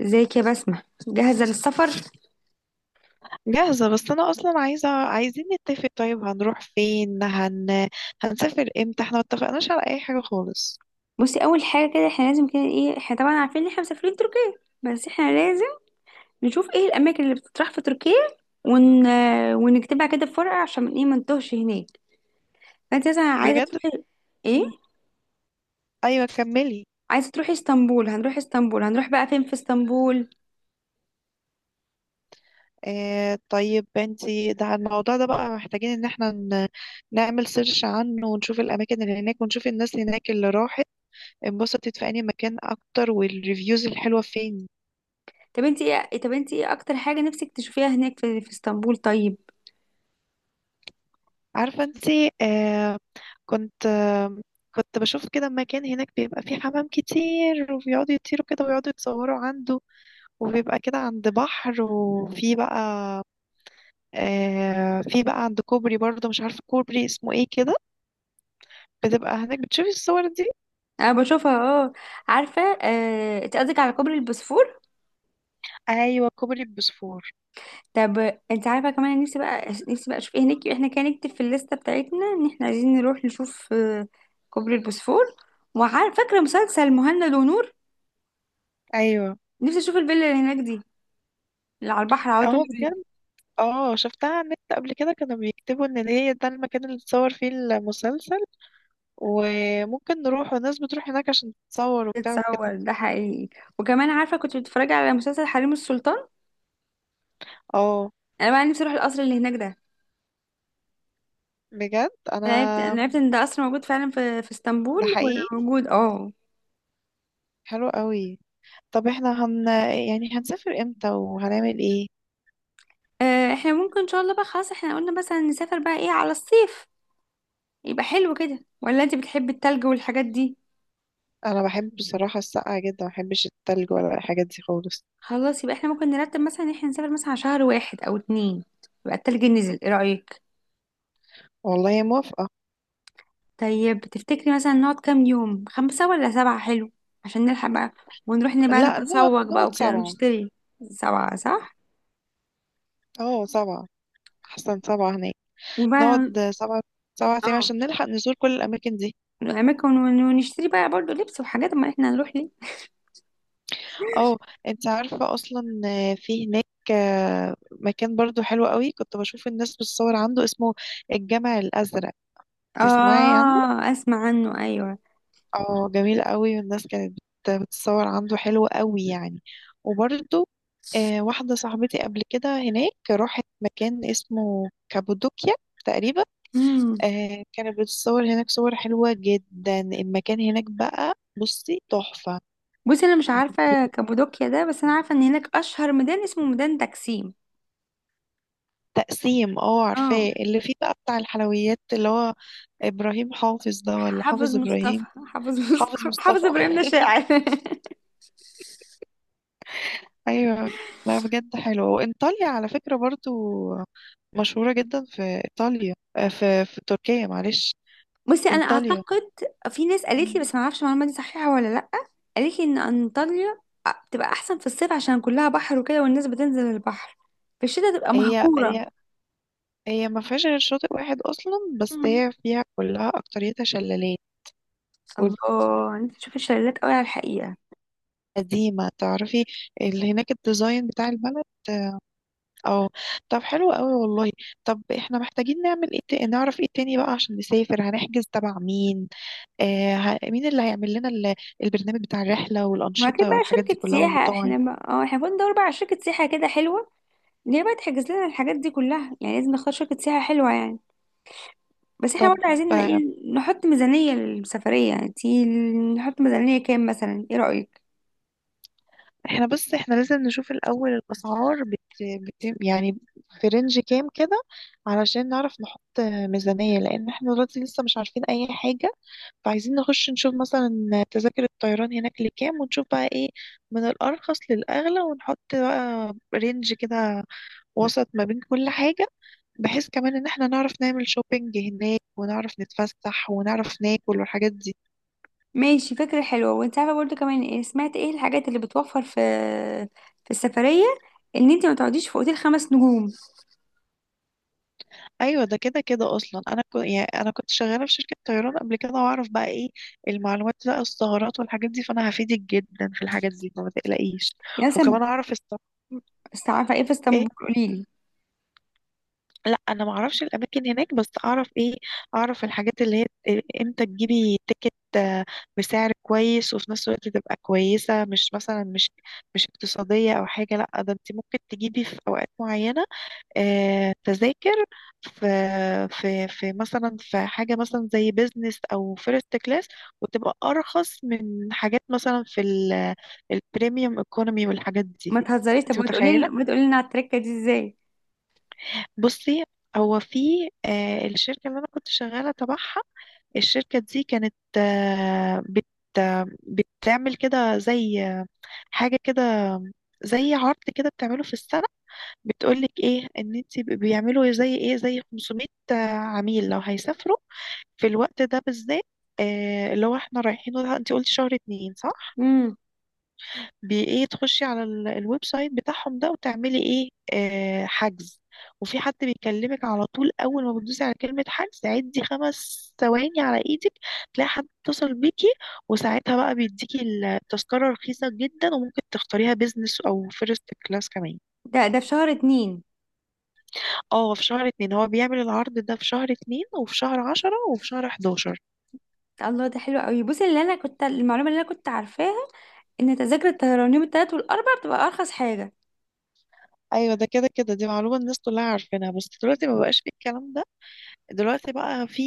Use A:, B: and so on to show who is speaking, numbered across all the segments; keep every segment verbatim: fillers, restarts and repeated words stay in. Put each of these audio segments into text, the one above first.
A: ازيك يا بسمة، جاهزة للسفر؟
B: جاهزة، بس أنا أصلا عايزة عايزين نتفق. طيب هنروح فين، هن... هنسافر امتى؟ احنا متفقناش على أي حاجة خالص.
A: بصي أول حاجة كده احنا لازم كده ايه، احنا طبعا عارفين ان احنا مسافرين تركيا، بس احنا لازم نشوف ايه الأماكن اللي بتطرح في تركيا ون... ونكتبها كده في ورقة عشان ايه ما نتوهش هناك. فانت مثلا عايزة
B: بجد.
A: تروحي ايه؟
B: مم. أيوة كملي.
A: عايزة تروحي اسطنبول؟ هنروح اسطنبول، هنروح بقى فين في اسطنبول؟
B: آه طيب انتي، ده الموضوع ده بقى محتاجين ان احنا ن... نعمل سيرش عنه ونشوف الأماكن اللي هناك، ونشوف الناس هناك اللي راحت انبسطت في أي مكان أكتر، والريفيوز الحلوة فين.
A: طب انت ايه، طب انت ايه أكتر حاجة نفسك تشوفيها هناك في, في اسطنبول؟ طيب
B: عارفة انتي، آه كنت، آه كنت بشوف كده مكان هناك بيبقى فيه حمام كتير وبيقعدوا يطيروا كده ويقعدوا يتصوروا عنده، وبيبقى كده عند بحر، وفي بقى، آه في بقى عند كوبري برضه، مش عارفة كوبري اسمه ايه كده، بتبقى هناك بتشوفي الصور دي.
A: أنا بشوفها، اه عارفة. آه... انت قصدك على كوبري البوسفور؟
B: ايوه كوبري بوسفور.
A: طب انت عارفه كمان، أنا نفسي بقى نفسي بقى اشوف ايه هناك. احنا كان نكتب في الليسته بتاعتنا ان احنا عايزين نروح نشوف آه، كوبري البوسفور. وعارفه فاكره مسلسل مهند ونور؟
B: ايوه.
A: نفسي اشوف الفيلا اللي هناك دي، اللي على البحر على طول
B: اه
A: دي.
B: بجد. اه شفتها على النت قبل كده، كانوا بيكتبوا ان هي ده المكان اللي اتصور فيه المسلسل، وممكن نروح، والناس بتروح هناك عشان تتصور وبتاع وكده.
A: تتصور ده حقيقي؟ وكمان عارفه كنت بتتفرج على مسلسل حريم السلطان،
B: اه
A: انا بقى نفسي اروح القصر اللي هناك ده.
B: بجد
A: انا
B: انا.
A: عرفت انا عرفت ان ده قصر موجود فعلا في في اسطنبول،
B: ده حقيقي.
A: وموجود اه.
B: حلو قوي. طب احنا هن، يعني هنسافر امتى وهنعمل ايه؟
A: آه، احنا ممكن ان شاء الله بقى، خلاص احنا قلنا مثلا نسافر بقى ايه، على الصيف يبقى حلو كده ولا انت بتحبي التلج والحاجات دي؟
B: انا بحب بصراحه السقعه جدا، ما بحبش التلج ولا الحاجات دي خالص.
A: خلاص يبقى احنا ممكن نرتب مثلا ان احنا نسافر مثلا على شهر واحد او اتنين، يبقى التلج نزل، ايه رأيك؟
B: والله موافقه.
A: طيب تفتكري مثلا نقعد كام يوم، خمسة ولا سبعة؟ حلو، عشان نلحق بقى ونروح بقى
B: لا، نقعد
A: نتسوق بقى
B: نقعد
A: وكده
B: سبعه.
A: ونشتري. سبعة صح،
B: اه سبعه، احسن سبعه هناك. نقعد
A: وبقى
B: سبعه، سبعة ايام
A: اه
B: عشان نلحق نزور كل الاماكن دي.
A: اماكن ون- ونشتري بقى برضو لبس وحاجات، ما احنا هنروح ليه.
B: اه. انت عارفه اصلا في هناك، آه، مكان برضو حلو قوي، كنت بشوف الناس بتصور عنده، اسمه الجامع الازرق. تسمعي عنه.
A: اه اسمع عنه ايوه.
B: اه جميل قوي، والناس كانت بت- بتتصور عنده، حلو قوي يعني. وبرده، آه واحدة صاحبتي قبل كده هناك راحت مكان اسمه كابودوكيا تقريبا.
A: امم.
B: آه كانت بتتصور هناك صور حلوة جدا، المكان هناك بقى بصي تحفة.
A: بصي انا مش عارفة كابودوكيا ده، بس انا عارفة ان هناك اشهر ميدان اسمه ميدان تكسيم.
B: تقسيم اه عارفاه،
A: اه،
B: اللي فيه بقى بتاع الحلويات اللي هو إبراهيم حافظ ده، ولا
A: حافظ
B: حافظ
A: مصطفى
B: إبراهيم؟
A: حافظ
B: حافظ
A: مصطفى حافظ
B: مصطفى
A: ابراهيم ده شاعر
B: ايوه. لا بجد حلو، وانطاليا على فكره برضو مشهوره جدا في ايطاليا، آه، في في تركيا، معلش،
A: بصي انا
B: انطاليا.
A: اعتقد، في ناس قالت
B: مم.
A: لي بس ما اعرفش المعلومه دي صحيحه ولا لا. قالت لي ان انطاليا بتبقى احسن في الصيف عشان كلها بحر وكده والناس بتنزل البحر، في الشتاء تبقى
B: هي
A: مهجوره.
B: هي هي ما فيهاش غير شاطئ واحد اصلا، بس
A: مم.
B: هي فيها كلها اكتريتها شلالات.
A: الله، انت تشوف الشلالات قوي على الحقيقه.
B: وقديمه تعرفي اللي هناك، الديزاين بتاع البلد. اه. طب حلو قوي والله. طب احنا محتاجين نعمل ايه، تا- نعرف ايه تاني بقى عشان نسافر، هنحجز تبع مين؟ آه، ه- مين اللي هيعمل لنا ال- البرنامج بتاع الرحلة
A: ما كده
B: والأنشطة
A: بقى
B: والحاجات دي
A: شركه
B: كلها
A: سياحه،
B: والمطاعم.
A: احنا ما... اه احنا المفروض ندور بقى على شركه سياحه كده حلوه، اللي هي بقى تحجز لنا الحاجات دي كلها، يعني لازم نختار شركه سياحه حلوه يعني. بس احنا
B: طب،
A: برضه عايزين ايه،
B: آه،
A: نحط ميزانية للسفرية. انتي نحط ميزانية كام مثلا، ايه رأيك؟
B: احنا بس احنا لازم نشوف الأول، الأسعار بت... بت... يعني في رينج كام كده، علشان نعرف نحط آه، ميزانية، لأن احنا دلوقتي لسه مش عارفين أي حاجة. فعايزين نخش نشوف مثلا تذاكر الطيران هناك لكام، ونشوف بقى ايه من الأرخص للأغلى، ونحط بقى رينج كده وسط ما بين كل حاجة، بحيث كمان ان احنا نعرف نعمل شوبينج هناك، ونعرف نتفسح، ونعرف ناكل، والحاجات دي.
A: ماشي فكرة حلوة. وانت عارفة برضه كمان ايه، سمعت ايه الحاجات اللي بتوفر في في السفرية، ان انت ما تقعديش في اوتيل خمس نجوم.
B: ايوه ده كده كده، اصلا انا كنت، يعني انا كنت شغاله في شركه طيران قبل كده، واعرف بقى ايه المعلومات بقى، الثغرات والحاجات دي، فانا هفيدك جدا في الحاجات دي، فما تقلقيش.
A: يا سما،
B: وكمان اعرف الصف.
A: بس عارفة ايه في
B: ايه؟
A: اسطنبول، قوليلي.
B: لا انا ما اعرفش الاماكن هناك، بس اعرف ايه، اعرف الحاجات اللي هي ت- امتى تجيبي تيكت، آه، بسعر كويس، وفي نفس الوقت تبقى كويسه، مش مثلا مش مش اقتصاديه او حاجه، لا ده انت ممكن تجيبي في اوقات معينه، آه، تذاكر، في في في مثلا في حاجة مثلا زي بيزنس أو فيرست كلاس، وتبقى أرخص من حاجات مثلا في ال- البريميوم ايكونومي والحاجات دي.
A: ما تهزريش، طب
B: أنت
A: ما
B: متخيلة؟
A: تقولي ما تقولي لنا على التركة دي ازاي؟
B: بصي، هو في، آه، الشركة اللي أنا كنت شغالة تبعها، الشركة دي كانت، آه، بت، آه، بتعمل كده زي، آه، حاجة كده، زي عرض كده بتعمله في السنة. بتقولك ايه ان انت ب- بيعملوا زي ايه، زي خمسمية عميل لو هيسافروا في الوقت ده بالذات، آه اللي هو احنا رايحينه ده، انت قلتي شهر اتنين صح؟
A: امم.
B: بي ايه، تخشي على ال- الويب سايت بتاعهم ده، وتعملي ايه، آه حجز، وفي حد بيكلمك على طول اول ما بتدوسي على كلمة حجز، عدي خمس ثواني على ايدك تلاقي حد اتصل بيكي، وساعتها بقى بيديكي التذكرة رخيصة جدا، وممكن تختاريها بيزنس او فيرست كلاس كمان.
A: ده ده في شهر اتنين؟
B: اه في شهر اتنين، هو بيعمل العرض ده في شهر اتنين، وفي شهر عشرة، وفي شهر حداشر.
A: الله ده حلو قوي. بصي اللي انا كنت، المعلومة اللي انا كنت عارفاها ان تذاكر الطيران يوم التلات والاربع بتبقى ارخص حاجة.
B: ايوه ده كده كده، دي معلومة الناس كلها عارفينها، بس دلوقتي ما بقاش في الكلام ده، دلوقتي بقى في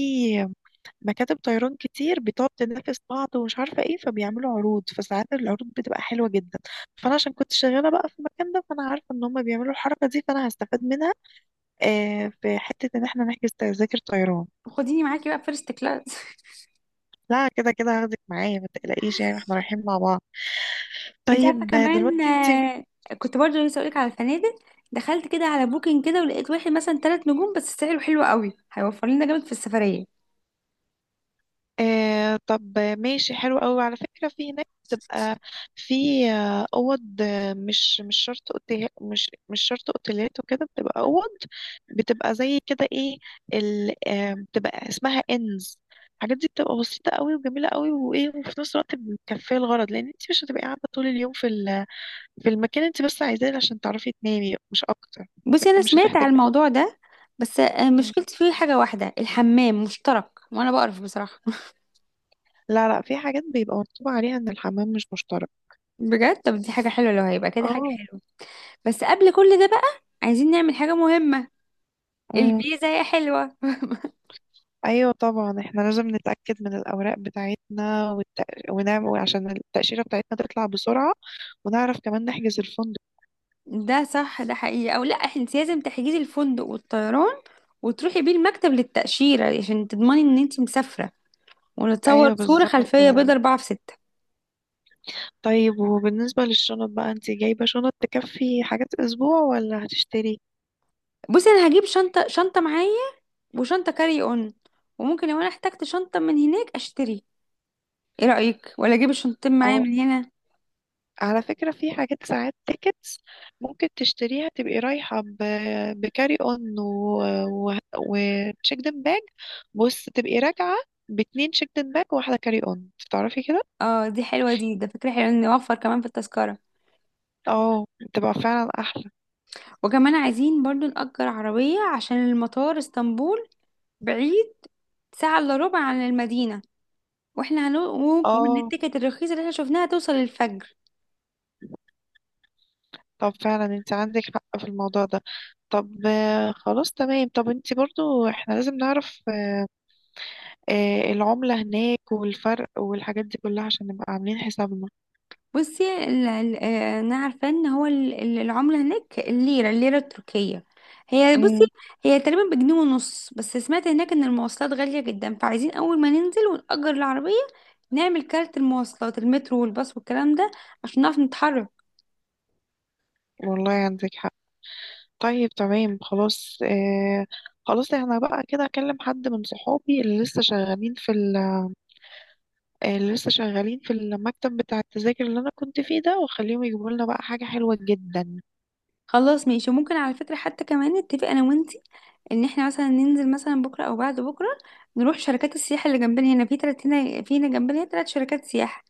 B: مكاتب طيران كتير بتقعد تنافس بعض ومش عارفة ايه، فبيعملوا عروض، فساعات العروض بتبقى حلوة جدا. فانا عشان كنت شغالة بقى في المكان ده، فانا عارفة ان هم بيعملوا الحركة دي، فانا هستفاد منها آه في حتة ان احنا نحجز تذاكر طيران.
A: خديني معاكي بقى فيرست كلاس.
B: لا كده كده هاخدك معايا ما تقلقيش، يعني احنا رايحين مع بعض.
A: انت عارفه
B: طيب، آه،
A: كمان،
B: دلوقتي انت.
A: آه، كنت برضه لسه اقولك على الفنادق، دخلت كده على بوكينج كده ولقيت واحد مثلا ثلاث نجوم بس سعره حلو قوي، هيوفر لنا جامد في السفريه.
B: آه طب ماشي حلو قوي، على فكرة في هناك بتبقى في، آه، أوض، آه، مش مش شرط أوتيل، مش مش شرط أوتيلات وكده، بتبقى أوض، بتبقى زي كده إيه، ال آه، بتبقى اسمها إنز. الحاجات دي بتبقى بسيطة قوي وجميلة قوي وإيه، وفي نفس الوقت مكفية الغرض، لأن أنت مش هتبقي قاعدة طول اليوم في ال في المكان، أنت بس عايزاه عشان تعرفي تنامي مش أكتر.
A: بصي انا
B: لكن مش
A: سمعت على
B: هتحتاجي.
A: الموضوع ده، بس آه، مشكلتي فيه حاجه واحده، الحمام مشترك وانا بقرف بصراحه
B: لا لا في حاجات بيبقى مكتوب عليها إن الحمام مش مشترك.
A: بجد، طب دي حاجه حلوه، لو هيبقى كده حاجه
B: اه.
A: حلوه. بس قبل كل ده بقى، عايزين نعمل حاجه مهمه، الفيزا يا حلوه.
B: ايوه طبعا احنا لازم نتاكد من الاوراق بتاعتنا، والتأ... ونعمل عشان التاشيره بتاعتنا تطلع بسرعه، ونعرف كمان نحجز الفندق.
A: ده صح، ده حقيقي او لا، انت لازم تحجزي الفندق والطيران وتروحي بيه المكتب للتاشيره عشان تضمني ان انت مسافره، ونتصور
B: ايوه
A: صورة
B: بالظبط
A: خلفية
B: كده.
A: بيضة أربعة في ستة.
B: طيب وبالنسبه للشنط بقى، انت جايبه شنط تكفي حاجات اسبوع ولا هتشتري؟
A: بصي أنا هجيب شنطة، شنطة معايا وشنطة كاري أون، وممكن لو أنا احتجت شنطة من هناك أشتري، إيه رأيك، ولا أجيب الشنطتين معايا
B: اه
A: من هنا؟
B: على فكره في حاجات ساعات تيكتس ممكن تشتريها، تبقي رايحه ب... بكاري اون و... و... وتشيكدن باج. بص تبقي راجعه باتنين شيكدن باج وواحده كاري اون، تعرفي كده.
A: اه دي حلوة، دي ده فكرة حلوة إن نوفر كمان في التذكرة.
B: اه بتبقى فعلا احلى.
A: وكمان عايزين برضو نأجر عربية عشان المطار اسطنبول بعيد، ساعة إلا ربع عن المدينة، واحنا هنو...
B: اه
A: والتيكت الرخيصة اللي احنا شفناها توصل الفجر.
B: طب فعلا انت عندك حق في الموضوع ده. طب، آه، خلاص تمام، طب انت برضو، احنا لازم نعرف، آه، العملة هناك والفرق والحاجات دي كلها عشان نبقى عاملين حسابنا.
A: بصي ال- ال- آه، انا عارفه ان هو ال- ال- العمله هناك الليره، الليره التركيه هي، بصي
B: امم.
A: هي تقريبا بجنيه ونص، بس سمعت هناك ان المواصلات غاليه جدا، فعايزين اول ما ننزل ونأجر العربيه نعمل كارت المواصلات، المترو والباص والكلام ده عشان نعرف نتحرك.
B: والله عندك حق. طيب تمام خلاص اه. خلاص احنا بقى كده اكلم حد من صحابي اللي لسه شغالين في ال- آه، اللي لسه شغالين في المكتب بتاع التذاكر اللي انا كنت فيه ده، واخليهم يجيبوا لنا بقى حاجة حلوة جدا.
A: خلاص ماشي. وممكن على فكره حتى كمان نتفق انا وانتي ان احنا مثلا ننزل مثلا بكره او بعد بكره نروح شركات السياحه اللي جنبنا. هنا في تلات، هنا في هنا جنبنا تلات شركات سياحه،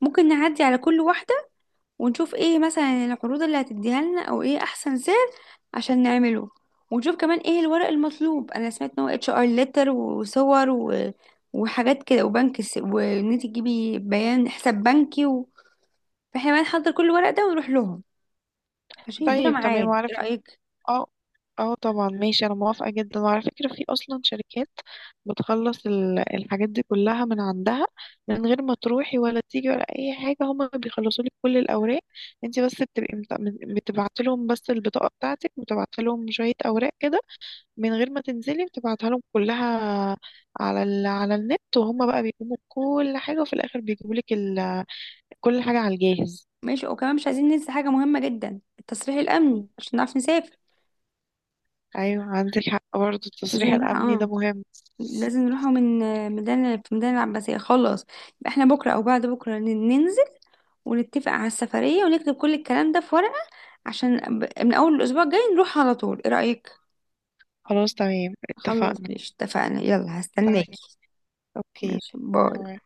A: ممكن نعدي على كل واحده ونشوف ايه مثلا العروض اللي هتديها لنا، او ايه احسن سعر عشان نعمله. ونشوف كمان ايه الورق المطلوب، انا سمعت ان هو اتش ار ليتر وصور و... وحاجات كده، وبنك س... وان انت تجيبي بيان حساب بنكي و... فاحنا بقى نحضر كل الورق ده ونروح لهم عشان يدونا
B: طيب تمام
A: ميعاد،
B: وعارف.
A: ايه رأيك؟
B: اه. اه طبعا ماشي انا موافقة جدا. وعلى فكرة في اصلا شركات بتخلص ال- الحاجات دي كلها من عندها، من غير ما تروحي ولا تيجي ولا اي حاجة، هما بيخلصوا لك كل الاوراق، انت بس بتبقي بتبعتي لهم بس البطاقة بتاعتك، وتبعتي لهم شوية اوراق كده، من غير ما تنزلي، بتبعتها لهم كلها على ال... على النت، وهما بقى بيقوموا بكل حاجة، وفي الاخر بيجيبوا لك ال... كل حاجة على الجاهز.
A: ماشي، وكمان مش عايزين ننسى حاجة مهمة جدا، التصريح الامني عشان نعرف نسافر.
B: ايوه عندك حق برضه،
A: لازم
B: التصريح
A: نروح
B: الامني ده
A: اه،
B: مهم.
A: لازم نروحوا من ميدان في ميدان العباسية. خلاص يبقى احنا بكرة او بعد بكرة ننزل ونتفق على السفرية ونكتب كل الكلام ده في ورقة، عشان ب- من أول الأسبوع الجاي نروح على طول، إيه رأيك؟
B: خلاص تمام
A: خلاص
B: اتفقنا.
A: مش اتفقنا، يلا
B: تمام.
A: هستناكي.
B: اوكي.
A: ماشي، باي.
B: باي.